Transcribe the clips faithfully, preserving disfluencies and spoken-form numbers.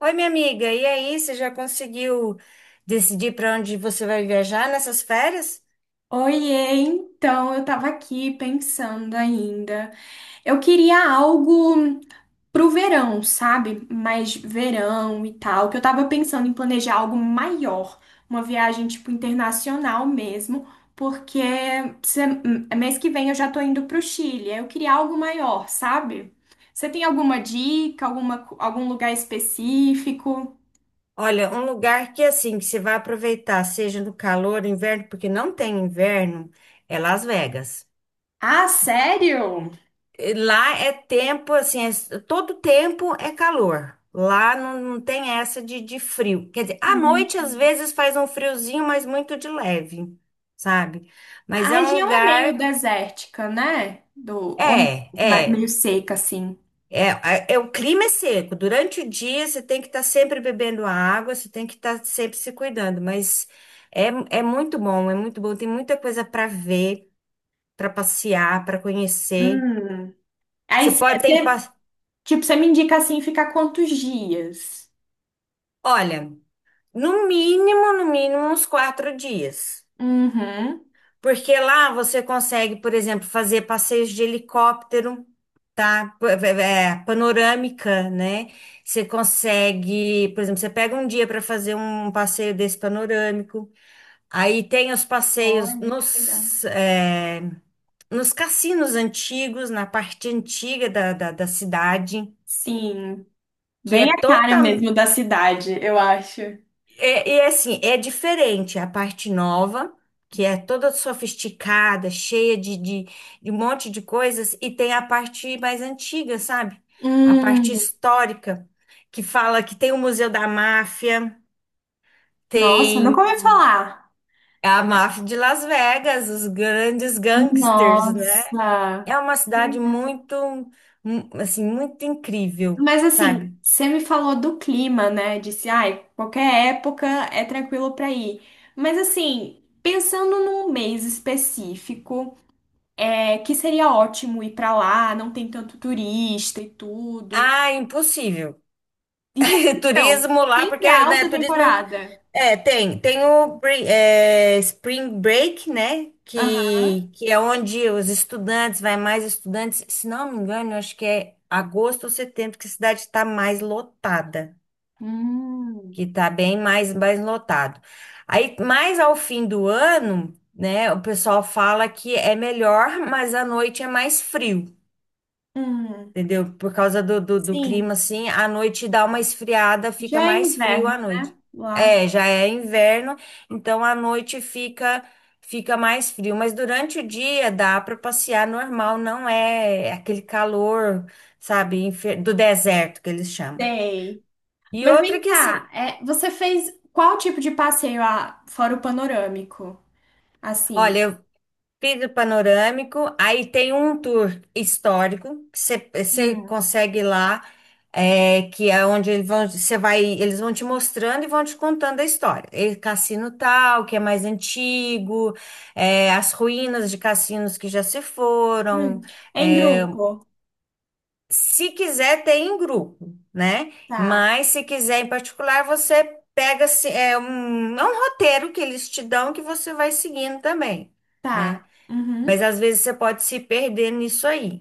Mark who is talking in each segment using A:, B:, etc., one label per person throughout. A: Oi, minha amiga, e aí, você já conseguiu decidir para onde você vai viajar nessas férias?
B: Oiê, então eu tava aqui pensando ainda. Eu queria algo pro verão, sabe? Mais verão e tal, que eu tava pensando em planejar algo maior, uma viagem tipo internacional mesmo, porque se- mês que vem eu já tô indo pro Chile. Eu queria algo maior, sabe? Você tem alguma dica, alguma, co- algum lugar específico?
A: Olha, um lugar que assim, que você vai aproveitar, seja no calor, inverno, porque não tem inverno, é Las Vegas.
B: Ah, sério?
A: E lá é tempo, assim, é- todo tempo é calor. Lá não, não tem essa de, de frio. Quer dizer, à noite às vezes faz um friozinho, mas muito de leve, sabe? Mas
B: A
A: é um
B: região é meio
A: lugar.
B: desértica, né? Do, ou
A: É,
B: ma-
A: é.
B: meio seca, assim.
A: É, a- é, o clima é seco. Durante o dia você tem que estar sempre bebendo água, você tem que estar sempre se cuidando, mas é, é muito bom, é muito bom. Tem muita coisa para ver, para passear, para conhecer.
B: Hum. Aí
A: Você pode ter,
B: você,
A: pa-
B: tipo, você me indica assim ficar quantos dias?
A: olha, no mínimo, no mínimo uns quatro dias.
B: Uhum.
A: Porque lá você consegue, por exemplo, fazer passeios de helicóptero, tá? P- é, é, é, panorâmica, né? Você consegue, por exemplo, você pega um dia para fazer um passeio desse panorâmico. Aí tem os passeios
B: Olha, que legal.
A: nos, é, nos cassinos antigos, na parte antiga da, da, da cidade,
B: Sim,
A: que é
B: bem a cara
A: total.
B: mesmo da cidade, eu acho.
A: É, e é assim, é diferente a parte nova, que é toda sofisticada, cheia de, de, de um monte de coisas, e tem a parte mais antiga, sabe? A parte
B: Hum,
A: histórica, que fala que tem o Museu da Máfia,
B: nossa,
A: tem
B: nunca ouvi falar.
A: a máfia de Las Vegas, os grandes gangsters, né?
B: Nossa,
A: É uma cidade muito, mu- assim, muito incrível,
B: mas assim,
A: sabe?
B: você me falou do clima, né? Disse, ai, qualquer época é tranquilo pra ir. Mas assim, pensando num mês específico, é que seria ótimo ir pra lá, não tem tanto turista e tudo.
A: Ah, impossível.
B: Impossível.
A: Turismo lá,
B: Sempre
A: porque, né,
B: alta
A: turismo é, um,
B: temporada.
A: é, tem, tem o bre- é, Spring Break, né,
B: Aham.
A: que, que é onde os estudantes, vai mais estudantes, se não me engano, eu acho que é agosto ou setembro que a cidade está mais lotada, que
B: Hum,
A: está bem mais, mais lotado. Aí, mais ao fim do ano, né, o pessoal fala que é melhor, mas à noite é mais frio,
B: hum,
A: entendeu? Por causa do, do, do clima,
B: sim.
A: assim, à noite dá uma esfriada, fica
B: Já é
A: mais frio
B: inverno
A: à noite.
B: lá.
A: É, já é inverno, então à noite fica fica mais frio, mas durante o dia dá para passear normal, não é aquele calor, sabe, infer- do deserto que eles chamam.
B: Sei.
A: E
B: Mas
A: outra
B: vem
A: que
B: cá,
A: assim,
B: é, você fez qual tipo de passeio ah, fora o panorâmico? Assim.
A: olha, vidro panorâmico, aí tem um tour histórico que você você
B: Hum,
A: consegue ir lá, é, que é onde eles vão, você vai, eles vão te mostrando e vão te contando a história. E cassino tal, que é mais antigo, é, as ruínas de cassinos que já se foram.
B: hum. Em
A: é,
B: grupo.
A: se quiser, tem em grupo, né?
B: Tá,
A: Mas se quiser em particular, você pega assim, é um, é um roteiro que eles te dão que você vai seguindo também. Né?
B: tá.
A: Mas
B: Uhum.
A: às vezes você pode se perder nisso aí.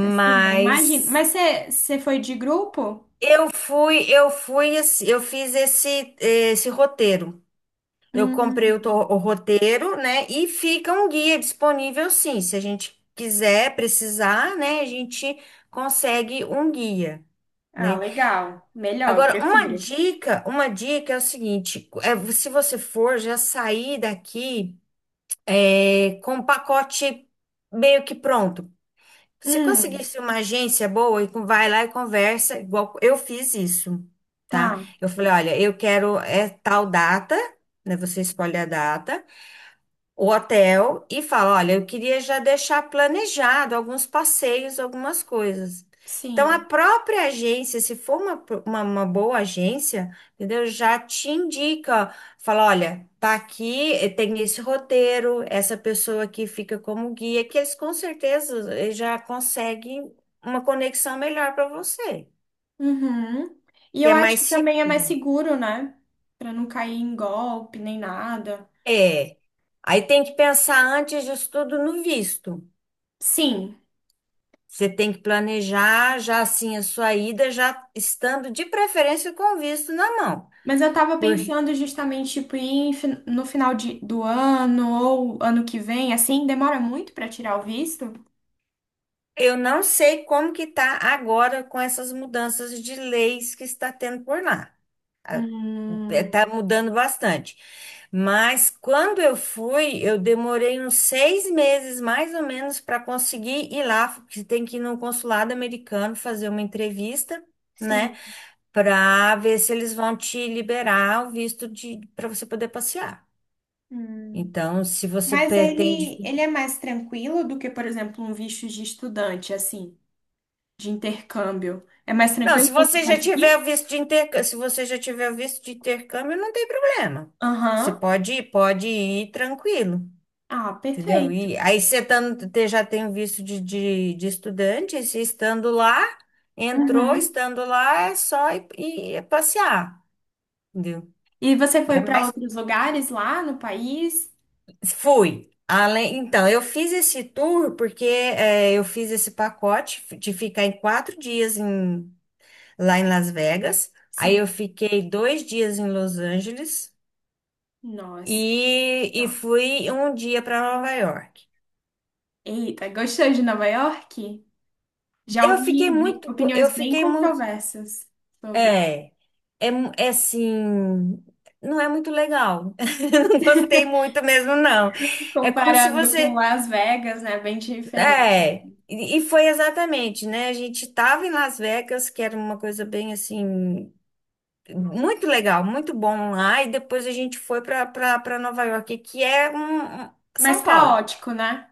B: Assim, eu imagino. Mas você você foi de grupo?
A: eu fui, eu fui, assim, eu fiz esse, esse roteiro. Eu comprei o, to-
B: Hum.
A: o roteiro, né? E fica um guia disponível, sim. Se a gente quiser, precisar, né? A gente consegue um guia,
B: Ah,
A: né?
B: legal. Melhor, eu
A: Agora, uma
B: prefiro.
A: dica, uma dica é o seguinte: é, se você for já sair daqui é, com o pacote meio que pronto. Se
B: Hum,
A: conseguisse uma agência boa, e com- vai lá e conversa, igual eu fiz isso, tá?
B: tá.
A: Eu falei, olha, eu quero é tal data, né? Você escolhe a data, o hotel e fala: olha, eu queria já deixar planejado alguns passeios, algumas coisas. Então, a
B: Sim.
A: própria agência, se for uma, pro- uma, uma boa agência, entendeu? Já te indica, fala: olha, tá aqui, eh, tem esse roteiro, essa pessoa aqui fica como guia, que eles com certeza eh, já conseguem uma conexão melhor para você,
B: Uhum. E
A: que
B: eu
A: é
B: acho
A: mais
B: que também é mais
A: seguro.
B: seguro, né? Pra não cair em golpe nem nada.
A: É. Aí tem que pensar antes disso tudo no visto.
B: Sim.
A: Você tem que planejar já assim a sua ida, já estando de preferência com o visto na mão.
B: Mas eu tava
A: Porque
B: pensando justamente, tipo, ir em fin- no final de, do ano ou ano que vem, assim, demora muito pra tirar o visto?
A: eu não sei como que tá agora com essas mudanças de leis que está tendo por lá. Está
B: Hum.
A: mudando bastante. Mas quando eu fui, eu demorei uns seis meses mais ou menos para conseguir ir lá. Você tem que ir no consulado americano fazer uma entrevista,
B: Sim.
A: né? Para ver se eles vão te liberar o visto de para você poder passear.
B: Hum.
A: Então, se você
B: Mas
A: pretende.
B: ele, ele é mais tranquilo do que, por exemplo, um visto de estudante, assim, de intercâmbio. É mais
A: Não,
B: tranquilo
A: se
B: pra você
A: você já tiver
B: conseguir?
A: o visto de intercâmbio, se você já tiver o visto de intercâmbio, não tem problema. Você
B: Aham.
A: pode ir, pode ir tranquilo,
B: Ah,
A: entendeu?
B: perfeito.
A: E aí você estando- te- já tem o visto de, de, de estudante, e se estando lá, entrou,
B: Uhum.
A: estando lá, é só ir, ir é passear, entendeu?
B: E você foi
A: É
B: para
A: mais.
B: outros lugares lá no país?
A: Fui. Além, então, eu fiz esse tour porque eh, eu fiz esse pacote de ficar em quatro dias lá em Las Vegas. Aí eu
B: Sim.
A: fiquei dois dias em Los Angeles
B: Nossa.
A: e, e
B: Não.
A: fui um dia para Nova York.
B: Eita, gostou de Nova York? Já
A: Eu fiquei
B: ouvi be-
A: muito, po- eu
B: opiniões bem
A: fiquei muito,
B: controversas sobre.
A: é, é, mu- é assim, não é muito legal. Não gostei muito mesmo, não. É como se
B: Comparando com
A: você,
B: Las Vegas, né? Bem diferente.
A: é, e e foi exatamente, né? A gente estava em Las Vegas, que era uma coisa bem assim. Muito legal, muito bom lá. E depois a gente foi para para Nova York, que é um, um- São
B: Mas
A: Paulo.
B: caótico, né?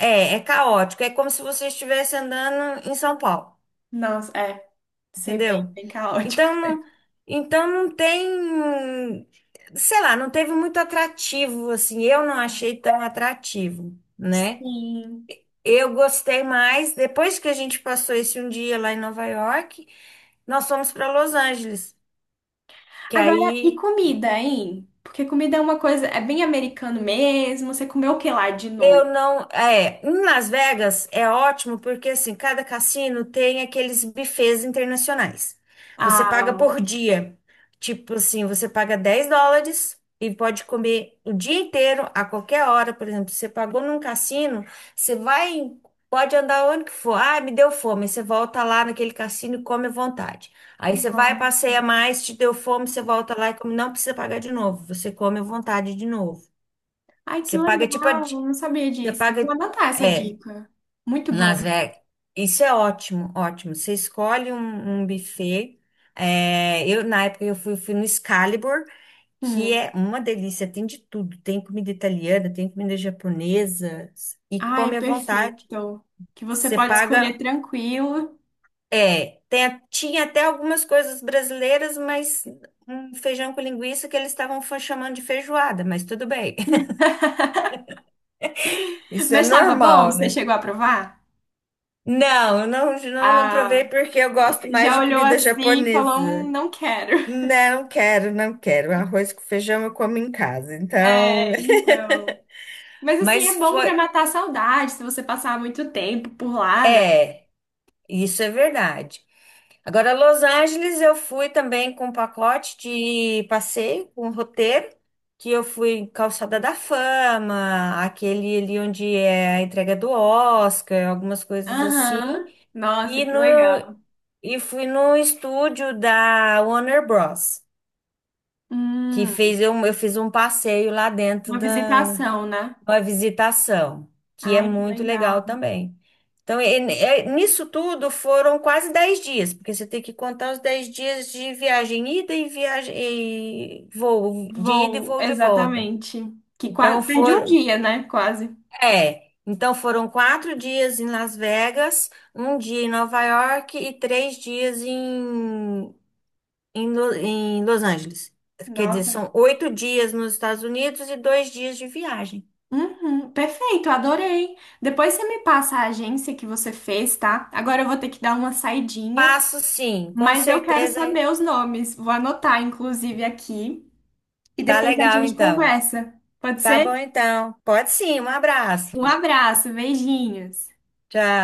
A: É, é caótico. É como se você estivesse andando em São Paulo,
B: Nossa, é. Sei bem,
A: entendeu?
B: bem caótico.
A: Então não, então não tem, sei lá, não teve muito atrativo, assim. Eu não achei tão atrativo, né?
B: Sim.
A: Eu gostei mais. Depois que a gente passou esse um dia lá em Nova York, nós fomos para Los Angeles, que
B: Agora, e
A: aí
B: comida, hein? Porque comida é uma coisa, é bem americano mesmo. Você comeu o que lá de
A: Eu
B: novo?
A: não. É, em Las Vegas é ótimo porque assim, cada cassino tem aqueles buffets internacionais. Você paga
B: Ah,
A: por dia. Tipo assim, você paga dez dólares e pode comer o dia inteiro, a qualquer hora. Por exemplo, você pagou num cassino, você vai, pode andar onde que for. Ah, me deu fome. Você volta lá naquele cassino e come à vontade. Aí você vai,
B: nossa.
A: passeia mais, te deu fome, você volta lá e come. Não precisa pagar de novo. Você come à vontade de novo.
B: Ai, que
A: Você paga tipo a,
B: legal, eu não
A: Você
B: sabia disso. Vou
A: paga.
B: anotar essa
A: É,
B: dica. Muito
A: Las
B: bom.
A: Vegas. Isso é ótimo, ótimo. Você escolhe um, um buffet. É, eu, na época, eu fui, fui no Excalibur, que
B: Hum.
A: é uma delícia, tem de tudo. Tem comida italiana, tem comida japonesa, e
B: Ai,
A: come à vontade.
B: perfeito. Que você
A: Você
B: pode escolher
A: paga.
B: tranquilo.
A: É, tem a- tinha até algumas coisas brasileiras, mas um feijão com linguiça que eles estavam fa- chamando de feijoada, mas tudo bem. Isso é
B: Mas estava bom?
A: normal,
B: Você
A: né?
B: chegou a provar?
A: Não, eu não, não, não provei
B: Ah,
A: porque eu gosto mais
B: já
A: de
B: olhou
A: comida
B: assim e falou, hum,
A: japonesa.
B: não quero.
A: Não quero, não quero. Arroz com feijão eu como em casa. Então,
B: É, então. Mas assim,
A: mas
B: é bom
A: foi,
B: pra matar a saudade, se você passar muito tempo por lá, né?
A: é, isso é verdade. Agora, Los Angeles eu fui também com um pacote de passeio, com um roteiro, que eu fui em Calçada da Fama, aquele ali onde é a entrega do Oscar, algumas coisas assim.
B: Aham. Nossa,
A: E
B: que
A: no
B: legal.
A: E fui no estúdio da Warner Bros. Que
B: Hum,
A: fez eu, eu fiz um passeio lá dentro
B: uma
A: da
B: visitação, né?
A: uma visitação, que é
B: Ai, que
A: muito
B: legal.
A: legal também. Então, e- e- nisso tudo foram quase dez dias, porque você tem que contar os dez dias de viagem ida e viagem e voo de ida e
B: Vou,
A: voo de volta.
B: exatamente. Que quase
A: Então
B: perde um
A: foram,
B: dia, né? Quase.
A: é, então foram quatro dias em Las Vegas, um dia em Nova York e três dias em em, Lo- em Los Angeles. Quer dizer,
B: Nossa.
A: são oito dias nos Estados Unidos e dois dias de viagem.
B: Uhum, perfeito, adorei. Depois você me passa a agência que você fez, tá? Agora eu vou ter que dar uma saidinha,
A: Passo sim, com
B: mas eu quero
A: certeza.
B: saber os nomes. Vou anotar, inclusive, aqui. E
A: Tá
B: depois a
A: legal,
B: gente
A: então.
B: conversa. Pode
A: Tá
B: ser?
A: bom, então. Pode sim, um abraço.
B: Um abraço, beijinhos.
A: Tchau.